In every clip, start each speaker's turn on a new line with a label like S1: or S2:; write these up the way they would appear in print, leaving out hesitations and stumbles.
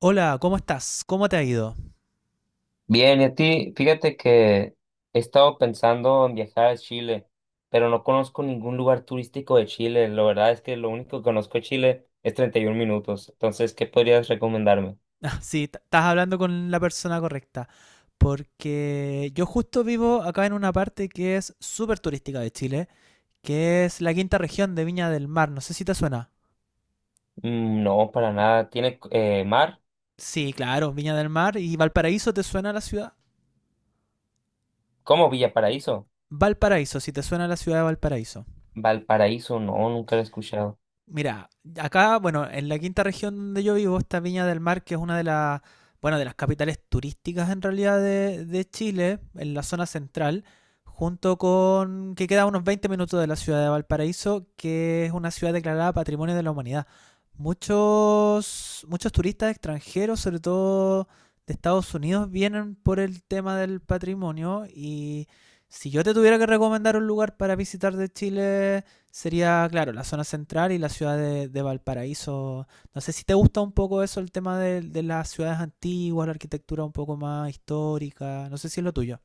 S1: Hola, ¿cómo estás? ¿Cómo te ha ido?
S2: Bien, y a ti, fíjate que he estado pensando en viajar a Chile, pero no conozco ningún lugar turístico de Chile. La verdad es que lo único que conozco de Chile es 31 minutos. Entonces, ¿qué podrías recomendarme?
S1: Ah, sí, estás hablando con la persona correcta. Porque yo justo vivo acá en una parte que es súper turística de Chile, que es la quinta región de Viña del Mar. No sé si te suena.
S2: Mm, no, para nada. ¿Tiene mar?
S1: Sí, claro, Viña del Mar. ¿Y Valparaíso te suena la ciudad?
S2: ¿Cómo Villa Paraíso?
S1: Valparaíso, si te suena la ciudad de Valparaíso.
S2: Valparaíso, no, nunca lo he escuchado.
S1: Mira, acá, bueno, en la quinta región donde yo vivo está Viña del Mar, que es una de las, bueno, de las capitales turísticas en realidad de Chile, en la zona central, junto con que queda a unos 20 minutos de la ciudad de Valparaíso, que es una ciudad declarada Patrimonio de la Humanidad. Muchos, muchos turistas extranjeros, sobre todo de Estados Unidos, vienen por el tema del patrimonio y si yo te tuviera que recomendar un lugar para visitar de Chile, sería, claro, la zona central y la ciudad de Valparaíso. No sé si te gusta un poco eso, el tema de las ciudades antiguas, la arquitectura un poco más histórica. No sé si es lo tuyo.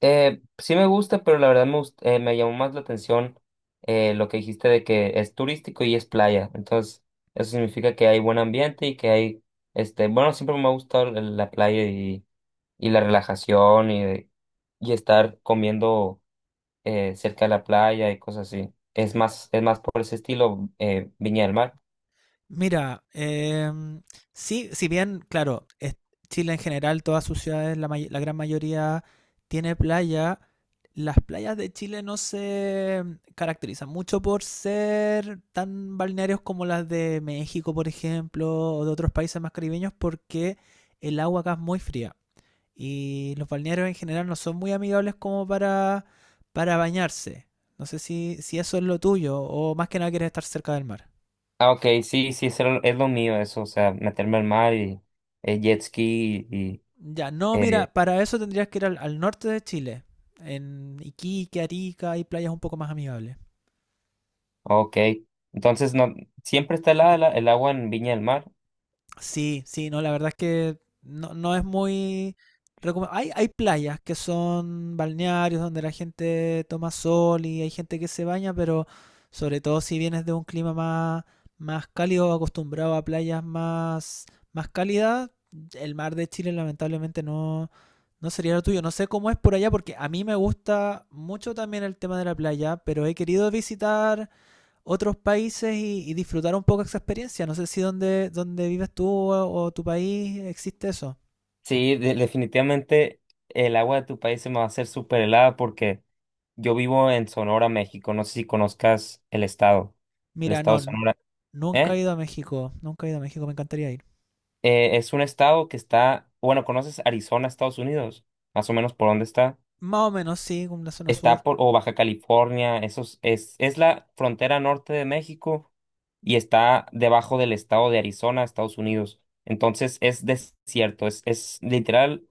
S2: Sí me gusta, pero la verdad me llamó más la atención lo que dijiste de que es turístico y es playa. Entonces, eso significa que hay buen ambiente y que hay, este, bueno, siempre me ha gustado la playa y la relajación y estar comiendo cerca de la playa y cosas así. Es más por ese estilo, Viña del Mar.
S1: Mira, sí, si bien, claro, Chile en general, todas sus ciudades, la gran mayoría tiene playa. Las playas de Chile no se caracterizan mucho por ser tan balnearios como las de México, por ejemplo, o de otros países más caribeños, porque el agua acá es muy fría. Y los balnearios en general no son muy amigables como para bañarse. No sé si eso es lo tuyo, o más que nada quieres estar cerca del mar.
S2: Ah, ok, sí, sí, es lo mío eso, o sea, meterme al mar y jet ski y...
S1: Ya, no, mira, para eso tendrías que ir al norte de Chile, en Iquique, Arica, hay playas un poco más amigables.
S2: Ok, entonces no, siempre está helada el agua en Viña del Mar.
S1: Sí, sí, no, la verdad es que no, no es muy… Hay, hay playas que son balnearios donde la gente toma sol y hay gente que se baña, pero sobre todo si vienes de un clima más, más cálido, acostumbrado a playas más, más cálidas, el mar de Chile lamentablemente no, no sería lo tuyo, no sé cómo es por allá, porque a mí me gusta mucho también el tema de la playa, pero he querido visitar otros países y disfrutar un poco esa experiencia. No sé si donde, donde vives tú o tu país existe eso.
S2: Sí, definitivamente el agua de tu país se me va a hacer súper helada porque yo vivo en Sonora, México. No sé si conozcas el
S1: Mira, no,
S2: estado de Sonora.
S1: nunca he
S2: ¿Eh?
S1: ido a México, nunca he ido a México, me encantaría ir.
S2: Es un estado que está, bueno, ¿conoces Arizona, Estados Unidos? Más o menos por dónde está.
S1: Más o menos, sí, con la zona sur.
S2: Está por, o Baja California, esos, es la frontera norte de México y está debajo del estado de Arizona, Estados Unidos. Entonces es desierto, es literal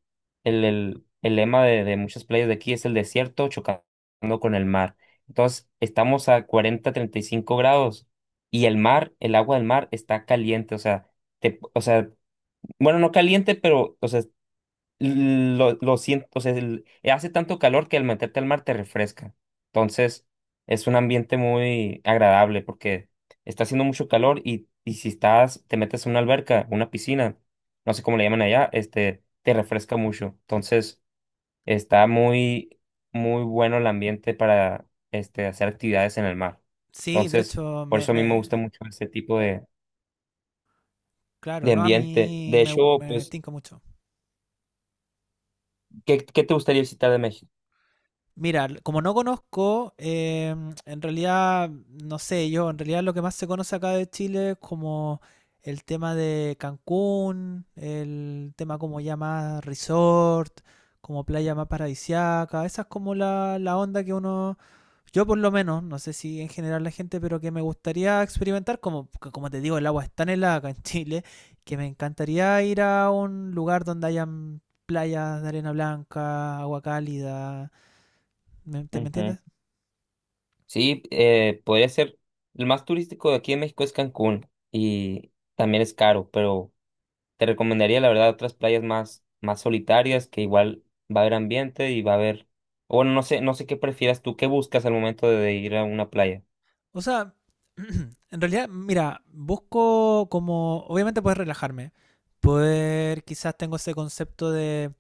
S2: el lema de muchas playas de aquí es el desierto chocando con el mar. Entonces estamos a cuarenta treinta y cinco grados y el mar, el agua del mar está caliente, o sea, te, o sea, bueno, no caliente, pero o sea, lo siento, o sea, hace tanto calor que al meterte al mar te refresca. Entonces, es un ambiente muy agradable porque está haciendo mucho calor y si estás, te metes a una alberca, una piscina, no sé cómo le llaman allá, este, te refresca mucho. Entonces, está muy, muy bueno el ambiente para, este, hacer actividades en el mar.
S1: Sí, de
S2: Entonces,
S1: hecho,
S2: por eso a mí me gusta mucho ese tipo
S1: claro,
S2: de
S1: no, a
S2: ambiente.
S1: mí
S2: De
S1: me,
S2: hecho,
S1: me
S2: pues,
S1: tinca mucho.
S2: qué te gustaría visitar de México?
S1: Mira, como no conozco, en realidad, no sé, yo, en realidad lo que más se conoce acá de Chile es como el tema de Cancún, el tema como ya más resort, como playa más paradisiaca, esa es como la onda que uno, yo por lo menos, no sé si en general la gente, pero que me gustaría experimentar, como, porque como te digo, el agua es tan helada acá en Chile, que me encantaría ir a un lugar donde hayan playas de arena blanca, agua cálida. ¿Me
S2: Ujú.
S1: entiendes?
S2: Sí, podría ser. El más turístico de aquí en México es Cancún y también es caro, pero te recomendaría la verdad otras playas más, más solitarias que igual va a haber ambiente y va a haber... O bueno, no sé, no sé qué prefieras tú, qué buscas al momento de ir a una playa.
S1: O sea, en realidad, mira, busco como, obviamente poder relajarme, poder, quizás tengo ese concepto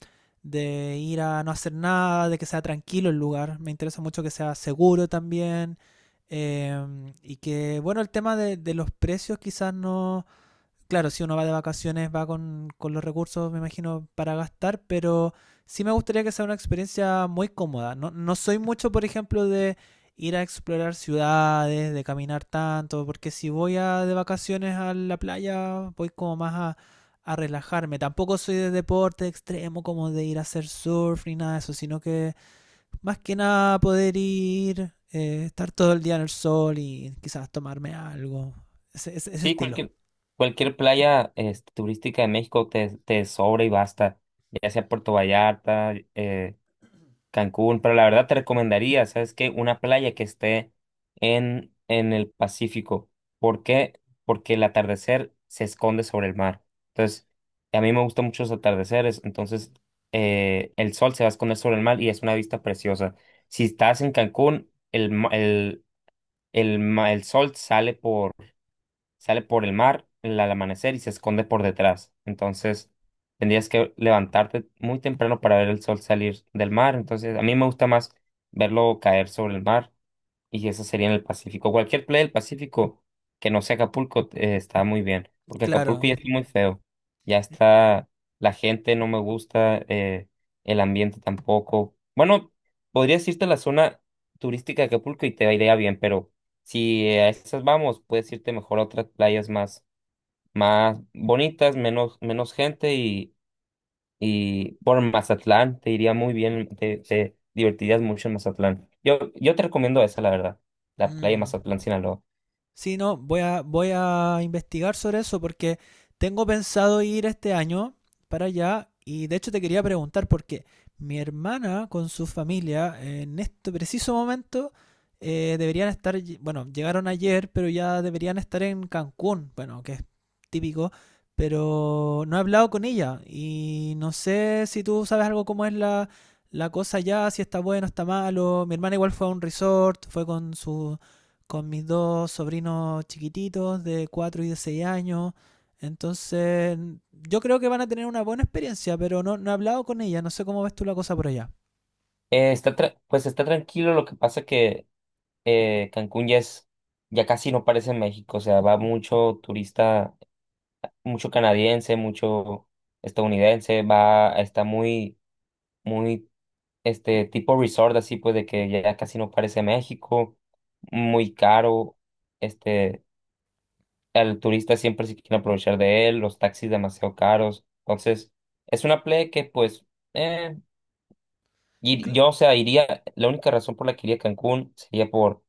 S1: de ir a no hacer nada, de que sea tranquilo el lugar, me interesa mucho que sea seguro también, eh, y que, bueno, el tema de los precios quizás no, claro, si uno va de vacaciones va con los recursos, me imagino, para gastar, pero sí me gustaría que sea una experiencia muy cómoda. No, no soy mucho, por ejemplo, de ir a explorar ciudades, de caminar tanto, porque si voy a, de vacaciones a la playa, voy como más a relajarme. Tampoco soy de deporte extremo, como de ir a hacer surf ni nada de eso, sino que más que nada poder ir, estar todo el día en el sol y quizás tomarme algo. Ese
S2: Sí,
S1: estilo.
S2: cualquier, cualquier playa, este, turística de México te sobra y basta, ya sea Puerto Vallarta, Cancún, pero la verdad te recomendaría, ¿sabes qué? Una playa que esté en el Pacífico. ¿Por qué? Porque el atardecer se esconde sobre el mar. Entonces, a mí me gustan mucho los atardeceres, entonces el sol se va a esconder sobre el mar y es una vista preciosa. Si estás en Cancún, el sol sale por el mar al amanecer y se esconde por detrás. Entonces, tendrías que levantarte muy temprano para ver el sol salir del mar. Entonces, a mí me gusta más verlo caer sobre el mar. Y eso sería en el Pacífico. Cualquier playa del Pacífico que no sea Acapulco, está muy bien, porque Acapulco ya
S1: Claro.
S2: está muy feo. Ya está, la gente no me gusta, el ambiente tampoco. Bueno, podrías irte a la zona turística de Acapulco y te iría bien, pero si a esas vamos, puedes irte mejor a otras playas más, más bonitas, menos, menos gente y por Mazatlán, te iría muy bien, te divertirías mucho en Mazatlán. Yo te recomiendo esa, la verdad, la playa de
S1: Mm.
S2: Mazatlán, Sinaloa.
S1: Sí, no, voy a investigar sobre eso porque tengo pensado ir este año para allá y de hecho te quería preguntar porque mi hermana con su familia en este preciso momento deberían estar, bueno, llegaron ayer, pero ya deberían estar en Cancún, bueno, que es típico, pero no he hablado con ella y no sé si tú sabes algo cómo es la, la cosa allá, si está bueno, está malo. Mi hermana igual fue a un resort, fue con su con mis dos sobrinos chiquititos de 4 y de 6 años. Entonces, yo creo que van a tener una buena experiencia, pero no, no he hablado con ella, no sé cómo ves tú la cosa por allá.
S2: Está pues está tranquilo, lo que pasa que Cancún ya es, ya casi no parece México, o sea, va mucho turista, mucho canadiense, mucho estadounidense, va, está muy, muy, este tipo resort así, pues de que ya casi no parece México, muy caro, este, al turista siempre se quieren aprovechar de él, los taxis demasiado caros. Entonces, es una play que pues eh, y
S1: Cl-
S2: yo, o sea, iría, la única razón por la que iría a Cancún sería por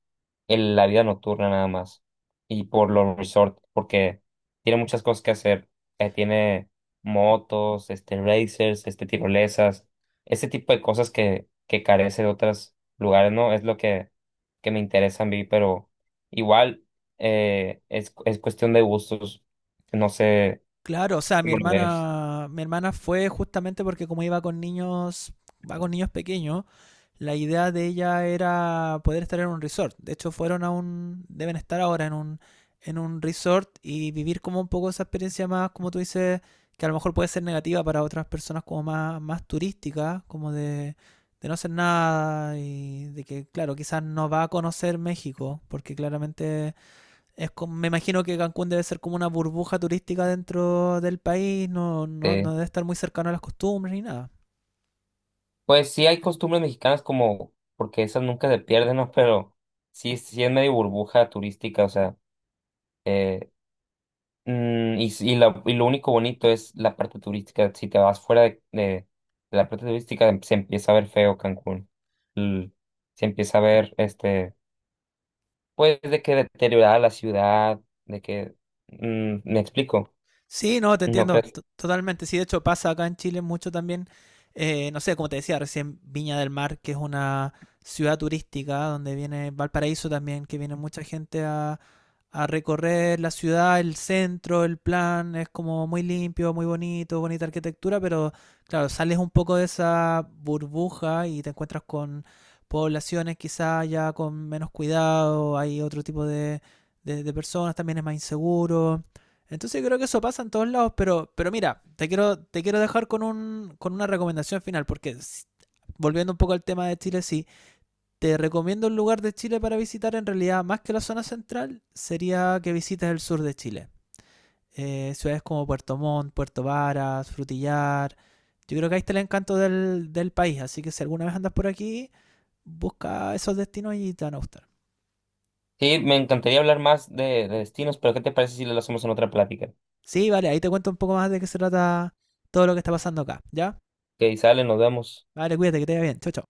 S2: la vida nocturna nada más y por los resorts, porque tiene muchas cosas que hacer. Tiene motos, este, racers, este, tirolesas, ese tipo de cosas que carece de otros lugares, ¿no? Es lo que me interesa a mí, pero igual es cuestión de gustos. No sé
S1: claro, o sea,
S2: cómo lo ves.
S1: mi hermana fue justamente porque como iba con niños, va con niños pequeños, la idea de ella era poder estar en un resort. De hecho, fueron a un, deben estar ahora en un resort y vivir como un poco esa experiencia más, como tú dices, que a lo mejor puede ser negativa para otras personas como más, más turísticas, como de no hacer nada y de que, claro, quizás no va a conocer México, porque claramente es como, me imagino que Cancún debe ser como una burbuja turística dentro del país, no, no, no debe estar muy cercano a las costumbres ni nada.
S2: Pues sí hay costumbres mexicanas como, porque esas nunca se pierden, ¿no? Pero sí, sí es medio burbuja turística, o sea, eh, y, y, y lo único bonito es la parte turística. Si te vas fuera de la parte turística, se empieza a ver feo Cancún. L- se empieza a ver, este, pues de que deteriorada la ciudad, de que, mm, me explico,
S1: Sí, no, te
S2: ¿no
S1: entiendo
S2: crees?
S1: totalmente. Sí, de hecho pasa acá en Chile mucho también. Eh, no sé, como te decía recién, Viña del Mar, que es una ciudad turística donde viene Valparaíso también, que viene mucha gente a recorrer la ciudad, el centro, el plan, es como muy limpio, muy bonito, bonita arquitectura, pero claro, sales un poco de esa burbuja y te encuentras con poblaciones quizá ya con menos cuidado, hay otro tipo de, de personas, también es más inseguro. Entonces yo creo que eso pasa en todos lados, pero mira, te quiero dejar con, un, con una recomendación final, porque volviendo un poco al tema de Chile, sí, te recomiendo un lugar de Chile para visitar, en realidad, más que la zona central, sería que visites el sur de Chile. Ciudades como Puerto Montt, Puerto Varas, Frutillar. Yo creo que ahí está el encanto del país, así que si alguna vez andas por aquí, busca esos destinos y te van a gustar.
S2: Sí, me encantaría hablar más de destinos, pero ¿qué te parece si lo hacemos en otra plática?
S1: Sí, vale, ahí te cuento un poco más de qué se trata todo lo que está pasando acá, ¿ya?
S2: Que sale, nos vemos.
S1: Vale, cuídate, que te vaya bien. Chao, chao.